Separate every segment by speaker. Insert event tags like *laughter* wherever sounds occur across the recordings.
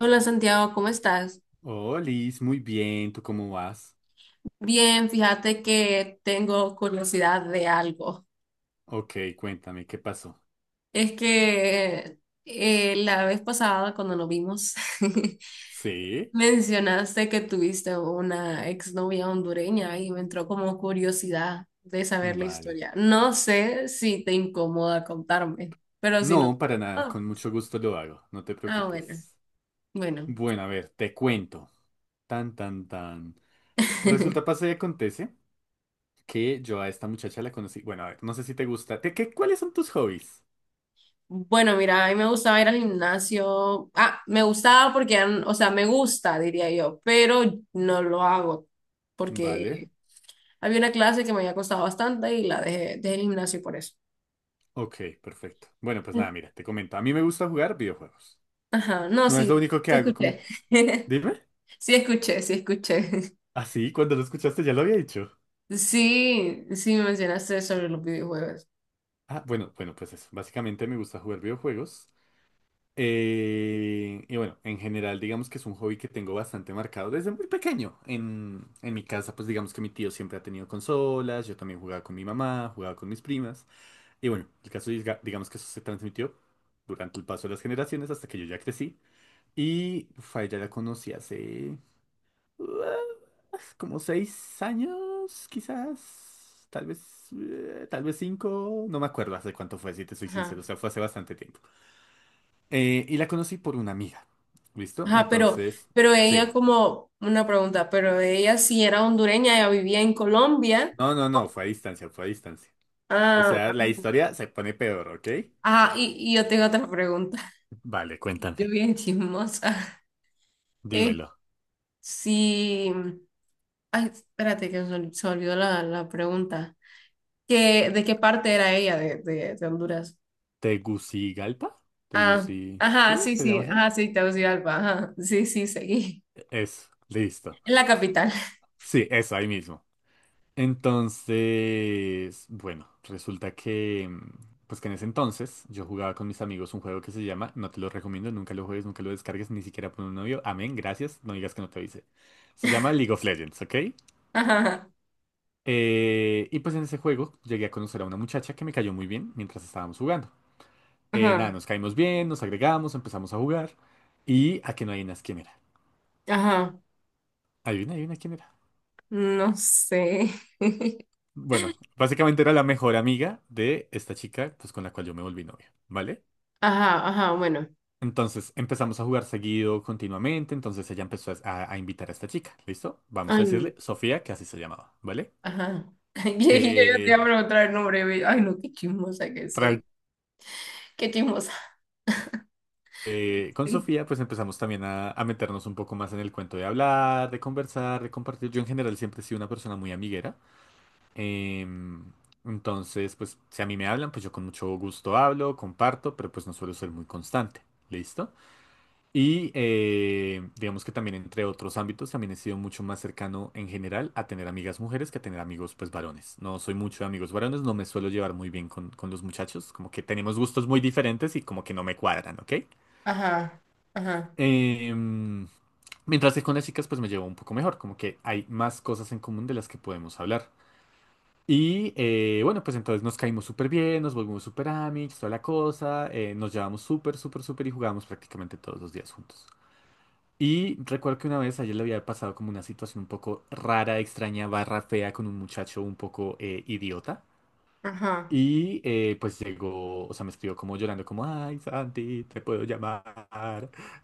Speaker 1: Hola Santiago, ¿cómo estás?
Speaker 2: Oh, Liz, muy bien, ¿tú cómo vas?
Speaker 1: Bien, fíjate que tengo curiosidad de algo.
Speaker 2: Ok, cuéntame, ¿qué pasó?
Speaker 1: Es que la vez pasada cuando nos vimos *laughs*
Speaker 2: ¿Sí?
Speaker 1: mencionaste que tuviste una exnovia hondureña y me entró como curiosidad de saber la
Speaker 2: Vale.
Speaker 1: historia. No sé si te incomoda contarme, pero si no...
Speaker 2: No, para nada,
Speaker 1: Ah,
Speaker 2: con mucho gusto lo hago, no te
Speaker 1: ah, bueno,
Speaker 2: preocupes.
Speaker 1: bueno.
Speaker 2: Bueno, a ver, te cuento. Tan, tan, tan. Resulta,
Speaker 1: *laughs*
Speaker 2: pasa y acontece que yo a esta muchacha la conocí. Bueno, a ver, no sé si te gusta. ¿Qué, cuáles son tus hobbies?
Speaker 1: Bueno, mira, a mí me gustaba ir al gimnasio. Ah, me gustaba porque, o sea, me gusta, diría yo, pero no lo hago
Speaker 2: Vale.
Speaker 1: porque había una clase que me había costado bastante y dejé el gimnasio por eso.
Speaker 2: Ok, perfecto. Bueno, pues nada, mira, te comento. A mí me gusta jugar videojuegos.
Speaker 1: Ajá, no,
Speaker 2: No es lo
Speaker 1: sí,
Speaker 2: único que
Speaker 1: sí
Speaker 2: hago,
Speaker 1: escuché.
Speaker 2: como...
Speaker 1: *laughs*
Speaker 2: Dime.
Speaker 1: Sí escuché, sí escuché.
Speaker 2: ¿Así? Cuando lo escuchaste ya lo había dicho.
Speaker 1: Sí, sí me mencionaste sobre los videojuegos.
Speaker 2: Ah, bueno, bueno, pues eso. Básicamente me gusta jugar videojuegos. Y bueno, en general, digamos que es un hobby que tengo bastante marcado desde muy pequeño. En mi casa, pues digamos que mi tío siempre ha tenido consolas, yo también jugaba con mi mamá, jugaba con mis primas. Y bueno, el caso es, digamos que eso se transmitió durante el paso de las generaciones hasta que yo ya crecí. Y uf, a ella la conocí hace ah, como seis años, quizás. Tal vez cinco. No me acuerdo hace cuánto fue, si te soy
Speaker 1: Ajá.
Speaker 2: sincero. O sea, fue hace bastante tiempo. Y la conocí por una amiga. ¿Listo?
Speaker 1: Ajá,
Speaker 2: Entonces,
Speaker 1: pero ella
Speaker 2: sí.
Speaker 1: como una pregunta, pero ella sí era hondureña, ella vivía en Colombia.
Speaker 2: No, fue a distancia, fue a distancia. O
Speaker 1: Ah,
Speaker 2: sea, la historia se pone peor, ¿ok?
Speaker 1: ajá, y yo tengo otra pregunta.
Speaker 2: Vale,
Speaker 1: Yo
Speaker 2: cuéntame.
Speaker 1: bien chismosa. *laughs* Eh,
Speaker 2: Dímelo.
Speaker 1: sí. Ay, espérate que se olvidó la pregunta. ¿ De qué parte era ella de Honduras?
Speaker 2: ¿Tegucigalpa?
Speaker 1: Ah,
Speaker 2: ¿Teguci...
Speaker 1: ajá,
Speaker 2: ¿Sí?
Speaker 1: sí,
Speaker 2: ¿Se
Speaker 1: sí,
Speaker 2: llama así?
Speaker 1: ajá, sí, Tegucigalpa, ajá, sí, sí, seguí.
Speaker 2: Eso, listo.
Speaker 1: En la capital.
Speaker 2: Sí, eso, ahí mismo. Entonces, bueno, resulta que, pues que en ese entonces yo jugaba con mis amigos un juego que se llama, no te lo recomiendo, nunca lo juegues, nunca lo descargues, ni siquiera por un novio, amén, gracias, no digas que no te avisé. Se llama League of Legends, ¿ok?
Speaker 1: *laughs* Ajá,
Speaker 2: Y pues en ese juego llegué a conocer a una muchacha que me cayó muy bien mientras estábamos jugando. Nada,
Speaker 1: ajá,
Speaker 2: nos caímos bien, nos agregamos, empezamos a jugar y a que no adivinas quién era.
Speaker 1: ajá,
Speaker 2: Adivina, adivina quién era.
Speaker 1: no sé. *laughs*
Speaker 2: Bueno, básicamente era la mejor amiga de esta chica, pues con la cual yo me volví novio, ¿vale?
Speaker 1: Ajá, ajá, bueno.
Speaker 2: Entonces empezamos a jugar seguido, continuamente. Entonces ella empezó a invitar a esta chica, ¿listo? Vamos
Speaker 1: Ay,
Speaker 2: a
Speaker 1: n-
Speaker 2: decirle Sofía, que así se llamaba, ¿vale?
Speaker 1: ajá. *laughs* Yo, yo te
Speaker 2: Eh,
Speaker 1: iba a preguntar el nombre. Güey. Ay, no, qué chismosa que
Speaker 2: tra-
Speaker 1: soy. Qué chismosa.
Speaker 2: con
Speaker 1: Sí.
Speaker 2: Sofía, pues empezamos también a meternos un poco más en el cuento de hablar, de conversar, de compartir. Yo en general siempre he sido una persona muy amiguera. em, entonces, pues si a mí me hablan, pues yo con mucho gusto hablo, comparto, pero pues no suelo ser muy constante, ¿listo? Digamos que también entre otros ámbitos también he sido mucho más cercano en general a tener amigas mujeres que a tener amigos pues varones. No soy mucho de amigos varones, no me suelo llevar muy bien con los muchachos, como que tenemos gustos muy diferentes y como que no me cuadran, ¿ok?
Speaker 1: Ajá, ajá,
Speaker 2: Em, mientras que con las chicas pues me llevo un poco mejor, como que hay más cosas en común de las que podemos hablar. Bueno, pues entonces nos caímos súper bien, nos volvimos súper amigos, toda la cosa, nos llevamos súper, súper, súper y jugábamos prácticamente todos los días juntos. Y recuerdo que una vez ayer le había pasado como una situación un poco rara, extraña, barra fea con un muchacho un poco idiota.
Speaker 1: ajá.
Speaker 2: Pues llegó, o sea, me escribió como llorando, como, ay, Santi, te puedo llamar,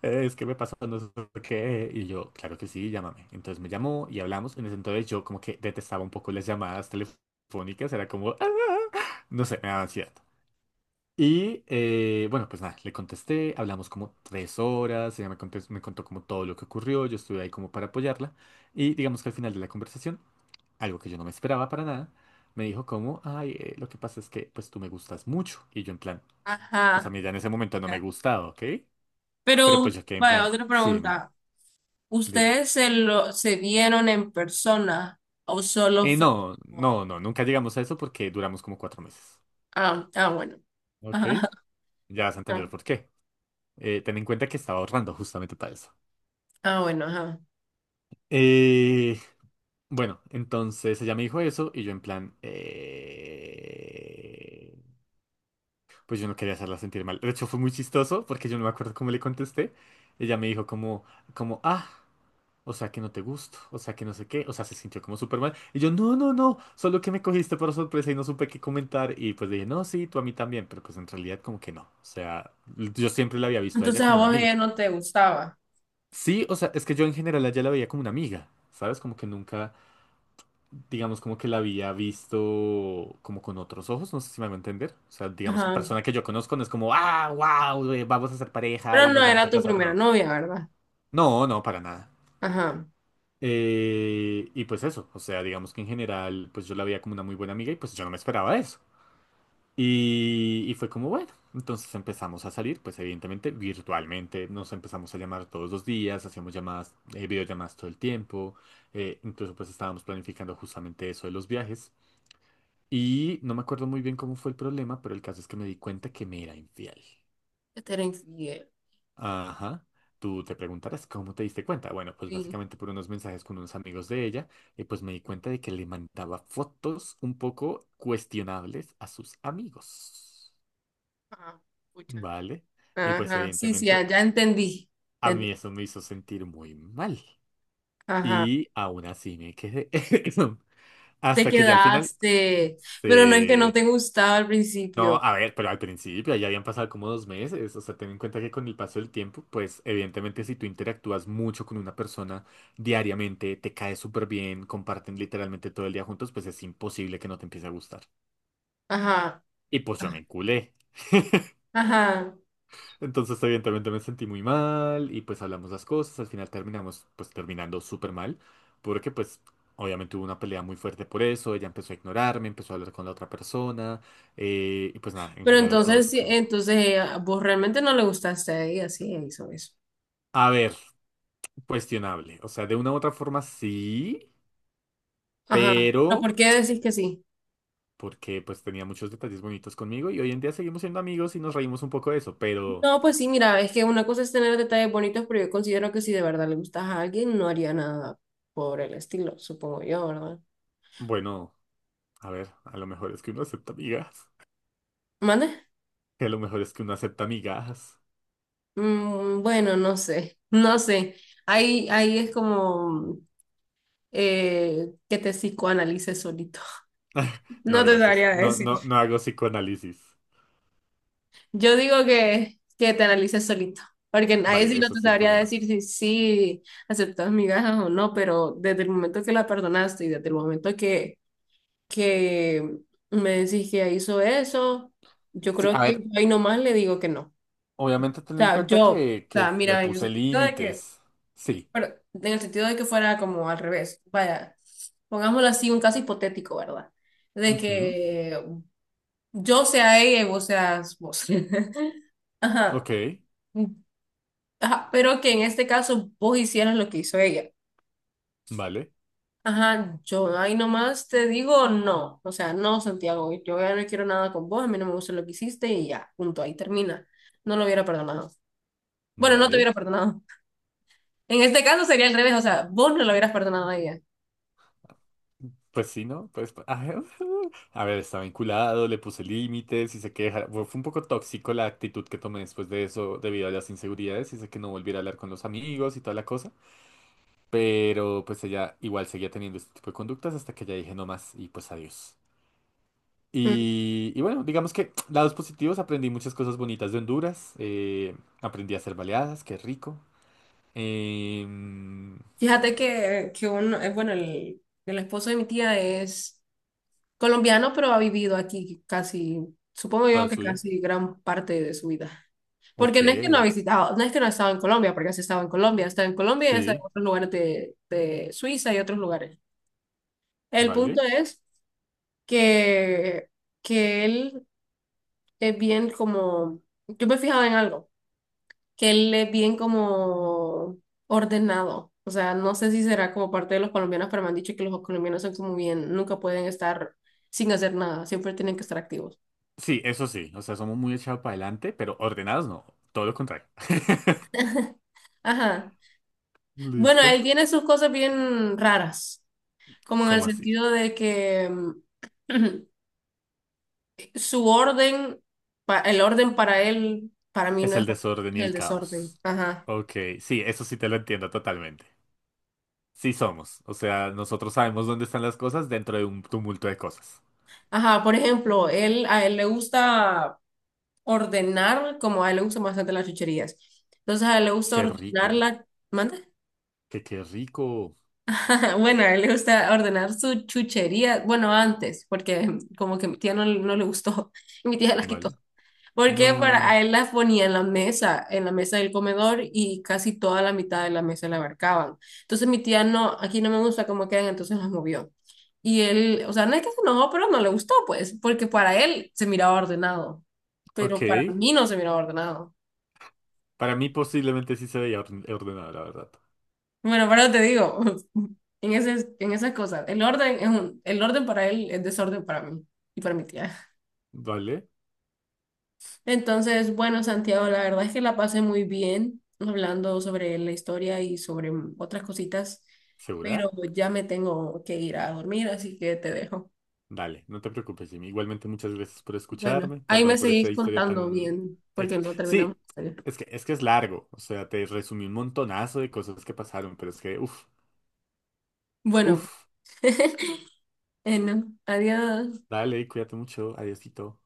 Speaker 2: es que me pasó no sé qué. Y yo, claro que sí, llámame. Entonces me llamó y hablamos. En ese entonces yo como que detestaba un poco las llamadas telefónicas, era como, "Ah", no sé, me daba ansiedad. Bueno, pues nada, le contesté, hablamos como tres horas, ella me contó como todo lo que ocurrió, yo estuve ahí como para apoyarla y digamos que al final de la conversación, algo que yo no me esperaba para nada, me dijo como, ay, lo que pasa es que pues tú me gustas mucho y yo en plan, pues a
Speaker 1: Ajá.
Speaker 2: mí ya en ese momento no me
Speaker 1: Ya.
Speaker 2: gustaba, ¿ok? Pero
Speaker 1: Pero,
Speaker 2: pues yo quedé en
Speaker 1: vaya,
Speaker 2: plan,
Speaker 1: otra
Speaker 2: sí, dime,
Speaker 1: pregunta.
Speaker 2: dime.
Speaker 1: ¿Ustedes se vieron en persona o solo
Speaker 2: Eh,
Speaker 1: fue
Speaker 2: no, no,
Speaker 1: como...
Speaker 2: no, nunca llegamos a eso porque duramos como cuatro meses,
Speaker 1: Ah, ah, bueno. *laughs*
Speaker 2: ¿ok?
Speaker 1: Ajá,
Speaker 2: Ya vas a entender
Speaker 1: ajá.
Speaker 2: por qué. Ten en cuenta que estaba ahorrando justamente para eso.
Speaker 1: Ah, bueno, ajá.
Speaker 2: Eh, Bueno, entonces ella me dijo eso y yo en plan, pues yo no quería hacerla sentir mal. De hecho fue muy chistoso porque yo no me acuerdo cómo le contesté. Ella me dijo como, ah, o sea que no te gusto, o sea que no sé qué, o sea se sintió como súper mal. Y yo, no, solo que me cogiste por sorpresa y no supe qué comentar. Y pues le dije, no, sí, tú a mí también, pero pues en realidad como que no. O sea, yo siempre la había visto a ella
Speaker 1: Entonces a
Speaker 2: como una
Speaker 1: vos
Speaker 2: amiga.
Speaker 1: ella no te gustaba.
Speaker 2: Sí, o sea, es que yo en general a ella la veía como una amiga, ¿sabes? Como que nunca... digamos, como que la había visto como con otros ojos, no sé si me hago entender. O sea, digamos que
Speaker 1: Ajá.
Speaker 2: persona que yo conozco no es como, ah, wow, vamos a ser pareja
Speaker 1: Pero
Speaker 2: y nos
Speaker 1: no
Speaker 2: vamos
Speaker 1: era
Speaker 2: a
Speaker 1: tu
Speaker 2: casar.
Speaker 1: primera
Speaker 2: No,
Speaker 1: novia, ¿verdad?
Speaker 2: no, para nada.
Speaker 1: Ajá.
Speaker 2: Y pues eso, o sea, digamos que en general, pues yo la veía como una muy buena amiga y pues yo no me esperaba eso. Y fue como, bueno, entonces empezamos a salir, pues evidentemente virtualmente, nos empezamos a llamar todos los días, hacíamos llamadas, videollamadas todo el tiempo, incluso pues estábamos planificando justamente eso de los viajes. Y no me acuerdo muy bien cómo fue el problema, pero el caso es que me di cuenta que me era infiel.
Speaker 1: Que te era infiel.
Speaker 2: Ajá. Tú te preguntarás cómo te diste cuenta. Bueno, pues
Speaker 1: Sí.
Speaker 2: básicamente por unos mensajes con unos amigos de ella, y pues me di cuenta de que le mandaba fotos un poco cuestionables a sus amigos.
Speaker 1: Ah. Pucha.
Speaker 2: ¿Vale? Y pues
Speaker 1: Ajá. Sí, sí, ya,
Speaker 2: evidentemente
Speaker 1: ya entendí.
Speaker 2: a
Speaker 1: Ya ent-
Speaker 2: mí eso me hizo sentir muy mal.
Speaker 1: Ajá.
Speaker 2: Y aún así me quedé. *laughs*
Speaker 1: Te
Speaker 2: Hasta que ya al final
Speaker 1: quedaste. Pero no es que no
Speaker 2: se
Speaker 1: te gustaba al
Speaker 2: No,
Speaker 1: principio.
Speaker 2: a ver, pero al principio ya habían pasado como dos meses, o sea, ten en cuenta que con el paso del tiempo, pues evidentemente si tú interactúas mucho con una persona diariamente, te cae súper bien, comparten literalmente todo el día juntos, pues es imposible que no te empiece a gustar.
Speaker 1: Ajá.
Speaker 2: Y pues yo me enculé.
Speaker 1: Ajá.
Speaker 2: Entonces evidentemente me sentí muy mal y pues hablamos las cosas, al final terminamos pues terminando súper mal, porque pues obviamente hubo una pelea muy fuerte por eso, ella empezó a ignorarme, empezó a hablar con la otra persona, y pues nada, en
Speaker 1: Pero
Speaker 2: general todo
Speaker 1: entonces, sí,
Speaker 2: súper mal.
Speaker 1: entonces vos realmente no le gustaste a ella, sí, ella hizo eso.
Speaker 2: A ver. Cuestionable. O sea, de una u otra forma sí,
Speaker 1: Ajá. ¿Pero
Speaker 2: pero
Speaker 1: por qué decís que sí?
Speaker 2: porque pues tenía muchos detalles bonitos conmigo y hoy en día seguimos siendo amigos y nos reímos un poco de eso, pero
Speaker 1: No, pues sí, mira, es que una cosa es tener detalles bonitos, pero yo considero que si de verdad le gustas a alguien, no haría nada por el estilo, supongo yo, ¿verdad?
Speaker 2: bueno, a ver, a lo mejor es que uno acepta amigas,
Speaker 1: ¿Mande?
Speaker 2: *laughs* a lo mejor es que uno acepta amigas.
Speaker 1: Mm, bueno, no sé, *laughs* no sé. Ahí es como que te psicoanalices solito.
Speaker 2: *laughs*
Speaker 1: *laughs* No
Speaker 2: No,
Speaker 1: te
Speaker 2: gracias.
Speaker 1: sabría decir.
Speaker 2: No hago psicoanálisis.
Speaker 1: Yo digo que te analices solito, porque nadie sí
Speaker 2: Vale,
Speaker 1: no
Speaker 2: eso
Speaker 1: te
Speaker 2: sí, un
Speaker 1: sabría
Speaker 2: poco más.
Speaker 1: decir si sí aceptas migajas o no, pero desde el momento que la perdonaste y desde el momento que me decís que hizo eso, yo
Speaker 2: Sí,
Speaker 1: creo
Speaker 2: a
Speaker 1: que yo
Speaker 2: ver,
Speaker 1: ahí nomás le digo que no. O
Speaker 2: obviamente ten en
Speaker 1: sea,
Speaker 2: cuenta
Speaker 1: o
Speaker 2: que
Speaker 1: sea,
Speaker 2: le
Speaker 1: mira, en el
Speaker 2: puse
Speaker 1: sentido de que,
Speaker 2: límites. Sí.
Speaker 1: pero en el sentido de que fuera como al revés, vaya, pongámoslo así, un caso hipotético, ¿verdad? De
Speaker 2: Ujú.
Speaker 1: que yo sea ella y vos seas vos. *laughs* Ajá.
Speaker 2: Ok,
Speaker 1: Ajá, pero que en este caso vos hicieras lo que hizo ella.
Speaker 2: vale,
Speaker 1: Ajá, yo ahí nomás te digo no. O sea, no, Santiago, yo ya no quiero nada con vos, a mí no me gusta lo que hiciste y ya, punto, ahí termina. No lo hubiera perdonado. Bueno, no te
Speaker 2: vale.
Speaker 1: hubiera perdonado. En este caso sería al revés, o sea, vos no lo hubieras perdonado a ella.
Speaker 2: Pues sí, ¿no? Pues, *laughs* ay, a ver, estaba vinculado, le puse límites y sé que fue un poco tóxico la actitud que tomé después de eso debido a las inseguridades y sé que no volviera a hablar con los amigos y toda la cosa, pero pues ella igual seguía teniendo este tipo de conductas hasta que ya dije no más y pues adiós.
Speaker 1: Mm.
Speaker 2: Y bueno, digamos que *tsk* lados positivos, aprendí muchas cosas bonitas de Honduras, aprendí a hacer baleadas, qué rico. em,
Speaker 1: Fíjate que uno, bueno, el esposo de mi tía es colombiano, pero ha vivido aquí casi, supongo yo
Speaker 2: toda
Speaker 1: que
Speaker 2: suya.
Speaker 1: casi gran parte de su vida.
Speaker 2: Ok,
Speaker 1: Porque no es que no ha visitado, no es que no ha estado en Colombia, porque sí estaba en Colombia, está en Colombia y está en
Speaker 2: sí,
Speaker 1: otros lugares de Suiza y otros lugares. El punto
Speaker 2: vale.
Speaker 1: es que, que él es bien como, yo me he fijado en algo, que él es bien como ordenado. O sea, no sé si será como parte de los colombianos, pero me han dicho que los colombianos son como bien, nunca pueden estar sin hacer nada, siempre tienen que estar activos.
Speaker 2: Sí, eso sí. O sea, somos muy echados para adelante, pero ordenados no. Todo lo contrario. *laughs*
Speaker 1: Ajá. Bueno,
Speaker 2: ¿Listo?
Speaker 1: él tiene sus cosas bien raras, como en el
Speaker 2: ¿Cómo así?
Speaker 1: sentido de que *clears throat* su orden, el orden para él, para mí
Speaker 2: Es
Speaker 1: no es
Speaker 2: el
Speaker 1: orden,
Speaker 2: desorden
Speaker 1: es
Speaker 2: y el
Speaker 1: el desorden.
Speaker 2: caos.
Speaker 1: Ajá.
Speaker 2: Ok, sí, eso sí te lo entiendo totalmente. Sí somos. O sea, nosotros sabemos dónde están las cosas dentro de un tumulto de cosas.
Speaker 1: Ajá, por ejemplo, a él le gusta ordenar, como a él le gustan bastante las chucherías. Entonces a él le gusta
Speaker 2: Qué
Speaker 1: ordenar
Speaker 2: rico.
Speaker 1: la... ¿Manda? *laughs*
Speaker 2: Que qué rico.
Speaker 1: Bueno, a él le gusta ordenar su chuchería. Bueno, antes, porque como que mi tía no, no le gustó *laughs* y mi tía las quitó.
Speaker 2: ¿Vale?
Speaker 1: Porque para a
Speaker 2: No.
Speaker 1: él las ponía en la mesa del comedor y casi toda la mitad de la mesa la abarcaban. Entonces mi tía no, aquí no me gusta cómo quedan, entonces las movió. Y él, o sea, no es que se enojó, pero no le gustó, pues, porque para él se miraba ordenado,
Speaker 2: Ok.
Speaker 1: pero para mí no se miraba ordenado.
Speaker 2: Para mí posiblemente sí se veía ordenado, la verdad.
Speaker 1: Bueno, pero te digo, *laughs* en en esas cosas, el orden es un, el orden para él es desorden para mí y para mi tía.
Speaker 2: ¿Vale?
Speaker 1: Entonces, bueno, Santiago, la verdad es que la pasé muy bien hablando sobre la historia y sobre otras cositas,
Speaker 2: ¿Segura?
Speaker 1: pero ya me tengo que ir a dormir, así que te dejo.
Speaker 2: Dale, no te preocupes, Jimmy. Igualmente, muchas gracias por
Speaker 1: Bueno,
Speaker 2: escucharme.
Speaker 1: ahí
Speaker 2: Perdón
Speaker 1: me
Speaker 2: por esta
Speaker 1: seguís
Speaker 2: historia
Speaker 1: contando
Speaker 2: tan...
Speaker 1: bien, porque no terminamos
Speaker 2: Sí,
Speaker 1: de hacer.
Speaker 2: es que, es que es largo. O sea, te resumí un montonazo de cosas que pasaron, pero es que, uff,
Speaker 1: Bueno,
Speaker 2: uff.
Speaker 1: *laughs* no, adiós.
Speaker 2: Dale, cuídate mucho. Adiósito.